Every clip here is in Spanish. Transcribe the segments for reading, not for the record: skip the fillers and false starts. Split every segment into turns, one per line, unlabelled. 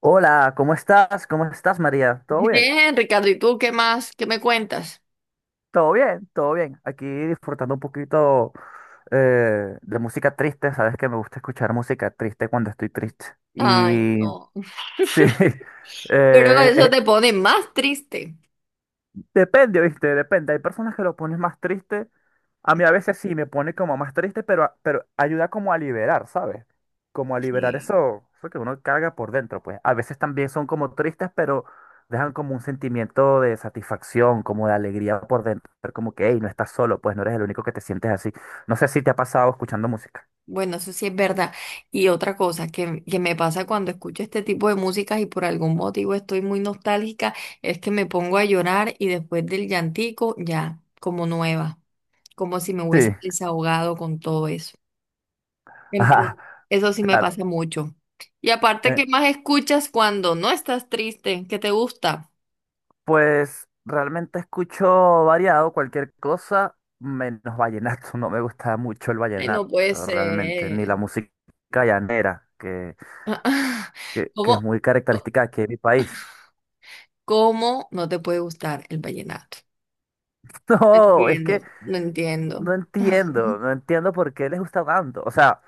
Hola, ¿cómo estás? ¿Cómo estás, María? ¿Todo bien?
Bien, Ricardo, ¿y tú qué más? ¿Qué me cuentas?
Todo bien, todo bien. Aquí disfrutando un poquito de música triste. Sabes que me gusta escuchar música triste cuando estoy triste.
Ay,
Y
no.
sí,
Pero
eh,
eso
e-
te pone más triste.
Depende, ¿viste? Depende. Hay personas que lo pones más triste. A mí a veces sí me pone como más triste, pero, pero ayuda como a liberar, ¿sabes? Como a liberar
Sí.
eso, eso que uno carga por dentro, pues. A veces también son como tristes, pero dejan como un sentimiento de satisfacción, como de alegría por dentro. Pero como que, hey, no estás solo, pues no eres el único que te sientes así. No sé si te ha pasado escuchando música.
Bueno, eso sí es verdad. Y otra cosa que me pasa cuando escucho este tipo de músicas y por algún motivo estoy muy nostálgica, es que me pongo a llorar y después del llantico, ya, como nueva, como si me
Sí,
hubiese desahogado con todo eso.
ajá,
Entonces, eso sí me
claro.
pasa mucho. Y aparte, ¿qué más escuchas cuando no estás triste? ¿Qué te gusta?
Pues realmente escucho variado cualquier cosa, menos vallenato. No me gusta mucho el
Ay, no
vallenato,
puede
realmente, ni
ser.
la música llanera, que es
¿Cómo,
muy
co-
característica aquí en mi país.
cómo no te puede gustar el vallenato? No
No, es que
entiendo, no entiendo.
no entiendo, no entiendo por qué les gusta tanto. O sea,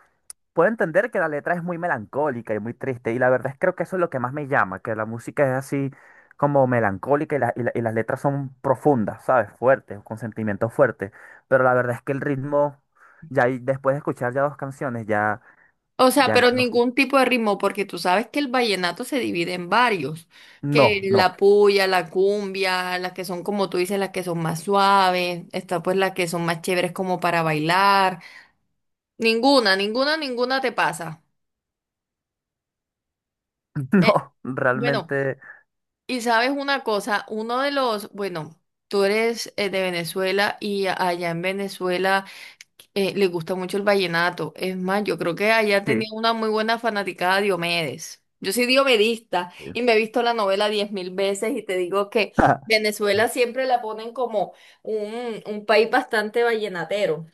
puedo entender que la letra es muy melancólica y muy triste, y la verdad es creo que eso es lo que más me llama, que la música es así como melancólica y, y las letras son profundas, ¿sabes? Fuertes, con sentimientos fuertes, pero la verdad es que el ritmo, ya ahí, después de escuchar ya dos canciones, ya,
O sea,
ya
pero
no,
ningún tipo de ritmo, porque tú sabes que el vallenato se divide en varios, que
no, no,
la puya, la cumbia, las que son como tú dices, las que son más suaves, está pues las que son más chéveres como para bailar. Ninguna, ninguna, ninguna te pasa. Eh,
no,
bueno.
realmente
Y sabes una cosa, uno de los, bueno, tú eres de Venezuela y allá en Venezuela le gusta mucho el vallenato. Es más, yo creo que allá
sí.
tenía una muy buena fanaticada de Diomedes. Yo soy diomedista y me he visto la novela 10.000 veces y te digo que Venezuela siempre la ponen como un país bastante vallenatero.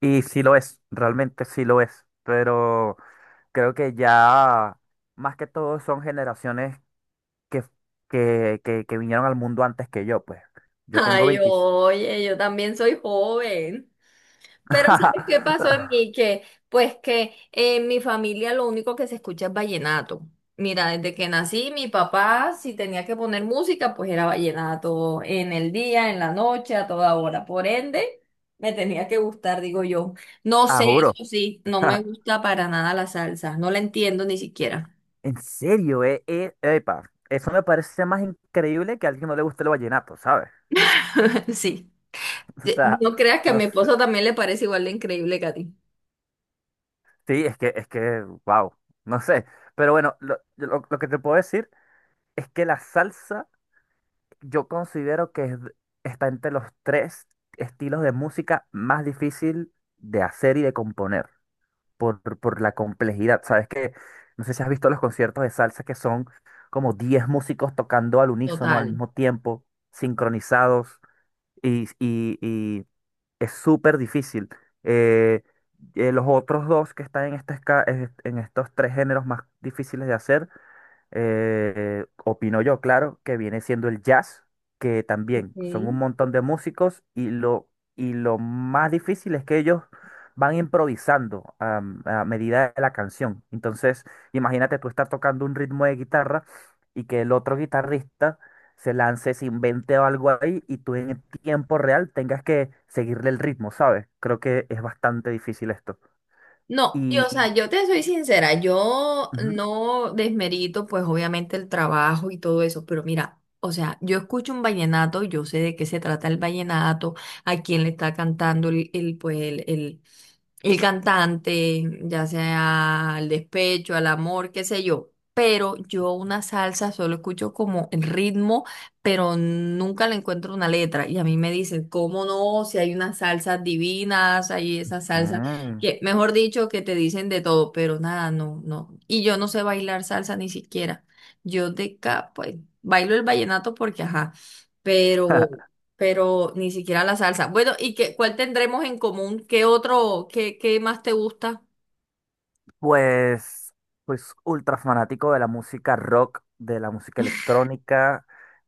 Y sí lo es, realmente sí lo es, pero creo que ya más que todo son generaciones que, que vinieron al mundo antes que yo, pues. Yo tengo
Ay,
20.
oye, yo también soy joven. Pero ¿sabes qué pasó en mí? Que, pues que en mi familia lo único que se escucha es vallenato. Mira, desde que nací, mi papá, si tenía que poner música, pues era vallenato en el día, en la noche, a toda hora. Por ende, me tenía que gustar, digo yo. No
Ah,
sé,
juro.
eso sí, no me gusta para nada la salsa. No la entiendo ni siquiera.
En serio, epa, eso me parece más increíble que a alguien no le guste el vallenato, ¿sabes?
Sí.
O sea,
No creas que a
no
mi
sé.
esposo también le parece igual de increíble que a ti.
Sí, es que, wow, no sé. Pero bueno, lo que te puedo decir es que la salsa yo considero está entre los tres estilos de música más difícil de hacer y de componer. Por la complejidad. Sabes que, no sé si has visto los conciertos de salsa que son como 10 músicos tocando al unísono al
Total.
mismo tiempo, sincronizados, y es súper difícil. Eh, los otros dos que están en, en estos tres géneros más difíciles de hacer opino yo, claro, que viene siendo el jazz, que
Ok.
también son un montón de músicos y lo más difícil es que ellos van improvisando a medida de la canción. Entonces, imagínate tú estar tocando un ritmo de guitarra y que el otro guitarrista se invente algo ahí y tú en tiempo real tengas que seguirle el ritmo, ¿sabes? Creo que es bastante difícil esto.
No, y
Y,
o
y-
sea, yo te soy sincera, yo
ujú.
no desmerito pues obviamente el trabajo y todo eso, pero mira, o sea, yo escucho un vallenato, yo sé de qué se trata el vallenato, a quién le está cantando el el cantante, ya sea al despecho, al amor, qué sé yo. Pero yo una salsa solo escucho como el ritmo, pero nunca le encuentro una letra. Y a mí me dicen, ¿cómo no? Si hay unas salsas divinas, hay esas salsas
Mm.
que, mejor dicho, que te dicen de todo, pero nada, no, no. Y yo no sé bailar salsa ni siquiera. Yo de acá, pues, bailo el vallenato porque, ajá, pero, pero ni siquiera la salsa. Bueno, ¿y qué, cuál tendremos en común? ¿Qué otro, qué, qué más te gusta?
Pues, pues ultra fanático de la música rock, de la música electrónica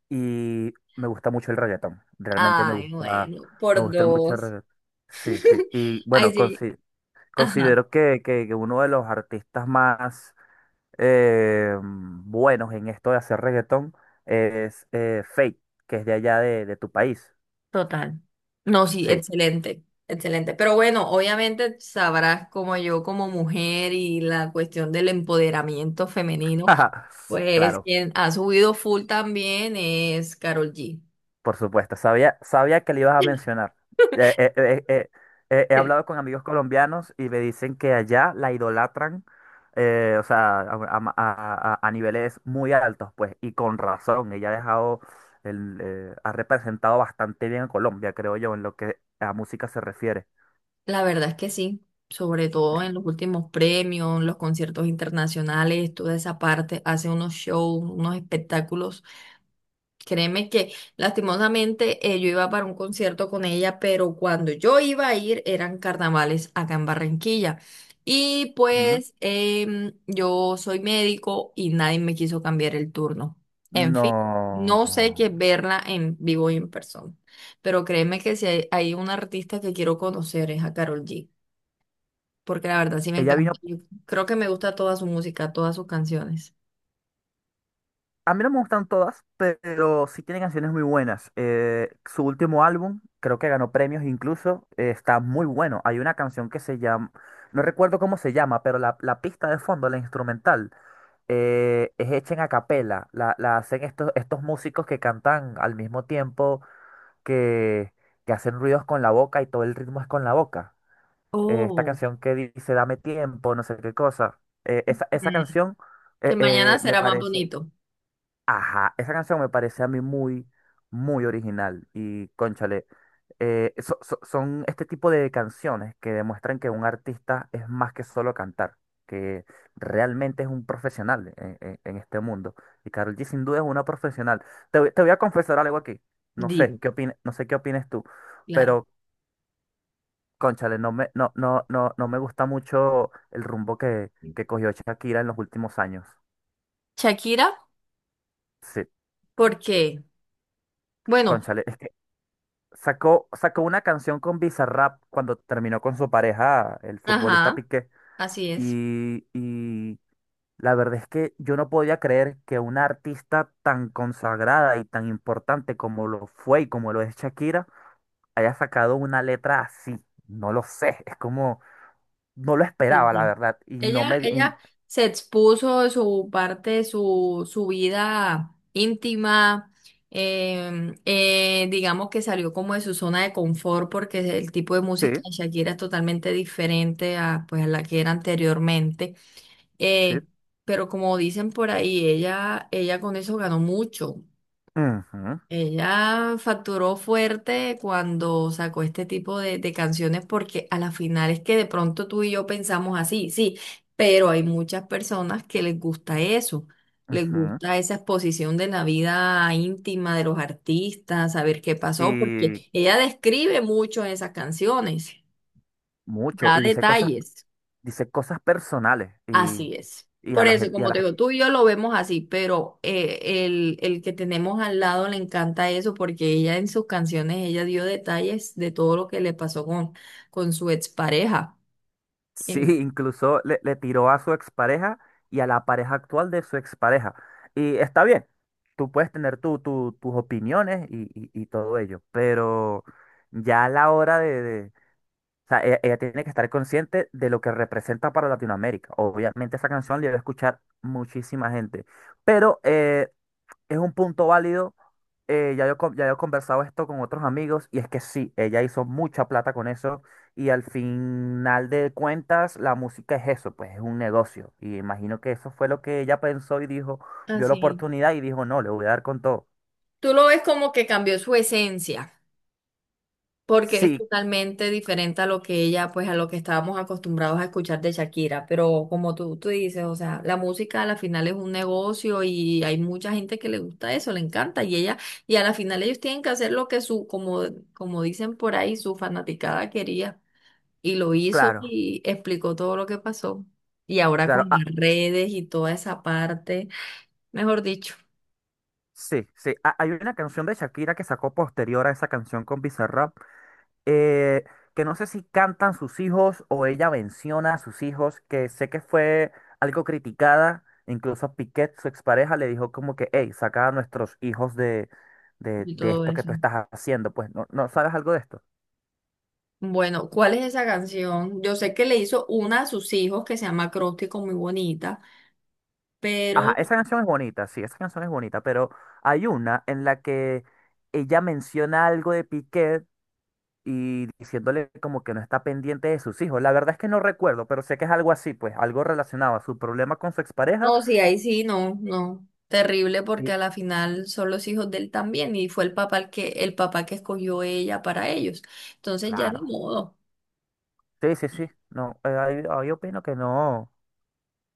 y me gusta mucho el reggaetón. Realmente
Ay, bueno,
me
por
gusta mucho el
dos.
reggaetón. Sí, sí. Y
Ay,
bueno,
sí, ajá,
considero que, que uno de los artistas más buenos en esto de hacer reggaetón es Feid, que es de allá de tu país.
total. No, sí,
Sí.
excelente, excelente. Pero bueno, obviamente sabrás como yo, como mujer y la cuestión del empoderamiento femenino. Pues
Claro.
quien ha subido full también es Carol G.
Por supuesto, sabía, sabía que le ibas a mencionar. Eh, eh, eh, eh, he
Sí.
hablado con amigos colombianos y me dicen que allá la idolatran, o sea, a niveles muy altos, pues, y con razón. Ella ha dejado, ha representado bastante bien a Colombia, creo yo, en lo que a música se refiere.
La verdad es que sí, sobre todo en los últimos premios, los conciertos internacionales, toda esa parte, hace unos shows, unos espectáculos. Créeme que lastimosamente yo iba para un concierto con ella, pero cuando yo iba a ir eran carnavales acá en Barranquilla. Y
Ujú.
pues yo soy médico y nadie me quiso cambiar el turno. En fin,
No.
no sé qué es verla en vivo y en persona. Pero créeme que si hay una artista que quiero conocer es a Karol G, porque la verdad sí me
Ella
encanta.
vino.
Yo creo que me gusta toda su música, todas sus canciones.
A mí no me gustan todas, pero sí tiene canciones muy buenas. Su último álbum, creo que ganó premios incluso, está muy bueno. Hay una canción que se llama, no recuerdo cómo se llama, pero la pista de fondo, la instrumental, es hecha en acapela. La hacen estos, estos músicos que cantan al mismo tiempo, que, que hacen ruidos con la boca y todo el ritmo es con la boca. Esta
Oh.
canción que dice, dame tiempo, no sé qué cosa. Esa
Mm.
canción
Que mañana
me
será más
parece...
bonito.
Ajá, esa canción me parece a mí muy, muy original y cónchale, son este tipo de canciones que demuestran que un artista es más que solo cantar, que realmente es un profesional en, en este mundo. Y Karol G sin duda es una profesional. Te voy a confesar algo aquí,
Dime.
no sé qué opines tú,
Claro.
pero cónchale, no me, no, no, no, no me gusta mucho el rumbo que cogió Shakira en los últimos años.
Shakira,
Sí,
porque, bueno,
cónchale, sacó, sacó una canción con Bizarrap cuando terminó con su pareja, el futbolista
ajá,
Piqué.
así es.
Y, y la verdad es que yo no podía creer que una artista tan consagrada y tan importante como lo fue y como lo es Shakira haya sacado una letra así. No lo sé, es como, no lo
Sí,
esperaba, la
sí.
verdad. Y no me... y-
Ella se expuso de su parte, su vida íntima, digamos que salió como de su zona de confort porque el tipo de
sí,
música de Shakira es totalmente diferente a, pues, a la que era anteriormente.
sí.
Eh, pero como dicen por ahí, ella con eso ganó mucho.
Ujú,
Ella facturó fuerte cuando sacó este tipo de canciones porque a la final es que de pronto tú y yo pensamos así, sí, pero hay muchas personas que les gusta eso, les
ujú,
gusta esa exposición de la vida íntima de los artistas, saber qué pasó, porque
y
ella describe mucho esas canciones,
mucho.
da
Y
detalles.
dice cosas personales.
Así es.
Y a
Por
la
eso,
gente...
como te digo, tú y yo lo vemos así, pero el que tenemos al lado le encanta eso porque ella en sus canciones, ella dio detalles de todo lo que le pasó con su expareja.
Sí,
En-.
incluso le, le tiró a su expareja y a la pareja actual de su expareja. Y está bien, tú puedes tener tu, tus opiniones y, y todo ello, pero ya a la hora de, o sea, ella tiene que estar consciente de lo que representa para Latinoamérica. Obviamente esa canción la iba a escuchar muchísima gente, pero es un punto válido. Ya yo he conversado esto con otros amigos y es que sí, ella hizo mucha plata con eso y al final de cuentas la música es eso, pues es un negocio. Y imagino que eso fue lo que ella pensó y dijo, vio la
Así.
oportunidad y dijo, no, le voy a dar con todo.
Tú lo ves como que cambió su esencia, porque es
Sí,
totalmente diferente a lo que ella, pues a lo que estábamos acostumbrados a escuchar de Shakira, pero como tú dices, o sea, la música a la final es un negocio y hay mucha gente que le gusta eso, le encanta y ella, y a la final ellos tienen que hacer lo que su, como, como dicen por ahí, su fanaticada quería y lo hizo
claro,
y explicó todo lo que pasó. Y ahora
claro.
con las
Ah,
redes y toda esa parte, mejor dicho,
sí, sí. Ah, hay una canción de Shakira que sacó posterior a esa canción con Bizarrap eh, que no sé si cantan sus hijos o ella menciona a sus hijos, que sé que fue algo criticada, incluso Piquet, su expareja, le dijo como que, hey, saca a nuestros hijos de,
y
de
todo
esto que
eso.
tú estás haciendo, pues no, no sabes algo de esto.
Bueno, ¿cuál es esa canción? Yo sé que le hizo una a sus hijos que se llama Acróstico, muy bonita,
Ajá,
pero
esa canción es bonita, sí, esa canción es bonita, pero hay una en la que ella menciona algo de Piquet y diciéndole como que no está pendiente de sus hijos. La verdad es que no recuerdo, pero sé que es algo así, pues algo relacionado a su problema con su expareja.
no, sí, ahí sí, no, no. Terrible porque
Y
a la final son los hijos de él también y fue el papá el que, el papá que escogió ella para ellos. Entonces ya de
claro.
modo,
Sí, sí, sí. No, ahí opino que no,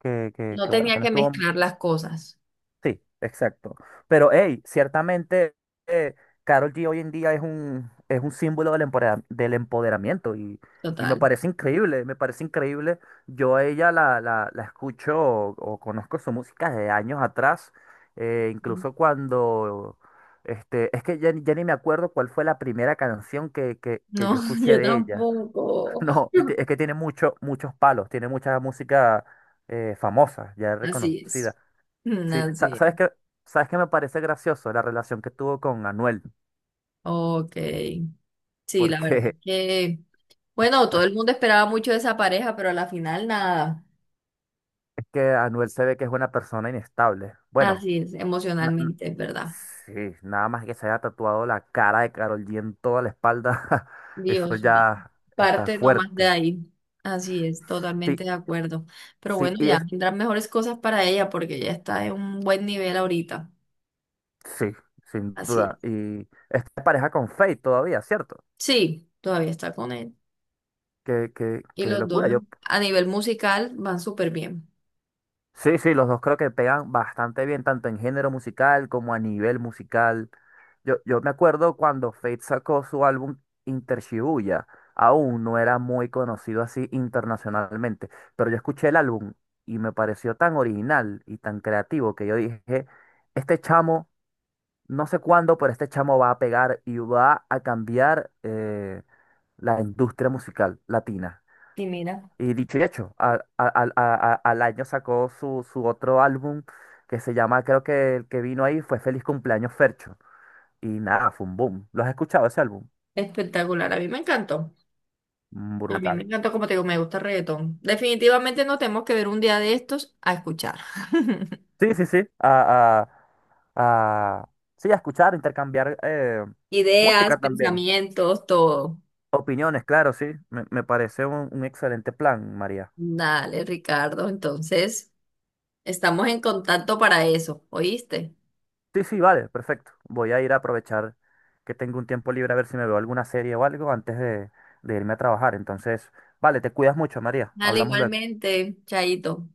no
que bueno,
tenía
que no
que
estuvo.
mezclar las cosas.
Sí, exacto. Pero hey, ciertamente eh, Karol G hoy en día es un símbolo del del empoderamiento y me
Total.
parece increíble, me parece increíble. Yo a ella la, la, la escucho o conozco su música de años atrás, incluso cuando, este, es que ya ni me acuerdo cuál fue la primera canción que,
No,
que yo escuché
yo
de ella.
tampoco.
No, es que tiene mucho, muchos palos, tiene mucha música famosa, ya
Así
reconocida.
es. Mm,
Sí,
así
¿sabes
es.
qué? ¿Sabes qué me parece gracioso la relación que tuvo con Anuel?
Ok. Sí, la verdad
Porque
que bueno, todo el mundo esperaba mucho de esa pareja, pero a la final nada.
es que Anuel se ve que es una persona inestable. Bueno,
Así es,
na- n-
emocionalmente, es verdad.
sí, nada más que se haya tatuado la cara de Karol G en toda la espalda, eso
Dios mío.
ya está
Parte nomás de
fuerte.
ahí. Así es, totalmente
Sí,
de acuerdo. Pero
sí,
bueno,
y
ya
es,
vendrán mejores cosas para ella porque ya está en un buen nivel ahorita.
sí, sin
Así
duda.
es.
Y esta pareja con Faith todavía, ¿cierto?
Sí, todavía está con él.
Qué, qué,
Y
qué
los
locura.
dos
Yo
a nivel musical van súper bien.
sí, sí, los dos creo que pegan bastante bien, tanto en género musical como a nivel musical. Yo me acuerdo cuando Fate sacó su álbum Inter Shibuya, aún no era muy conocido así internacionalmente, pero yo escuché el álbum y me pareció tan original y tan creativo que yo dije, este chamo, no sé cuándo, pero este chamo va a pegar y va a cambiar la industria musical latina.
Y mira,
Y dicho y hecho, al año sacó su, su otro álbum que se llama, creo que el que vino ahí fue Feliz Cumpleaños Fercho. Y nada, fue un boom. ¿Lo has escuchado ese álbum?
espectacular. A mí me encantó.
Mm,
A mí me
brutal.
encantó, como te digo, me gusta el reggaetón. Definitivamente nos tenemos que ver un día de estos a escuchar.
Sí, sí, sí. A, a- sí, a escuchar, intercambiar
Ideas,
música también.
pensamientos, todo.
Opiniones, claro, sí. Me parece un excelente plan, María.
Dale, Ricardo. Entonces, estamos en contacto para eso, ¿oíste?
Sí, sí, vale, perfecto. Voy a ir a aprovechar que tengo un tiempo libre a ver si me veo alguna serie o algo antes de irme a trabajar. Entonces, vale, te cuidas mucho, María.
Dale,
Hablamos luego.
igualmente, Chaito.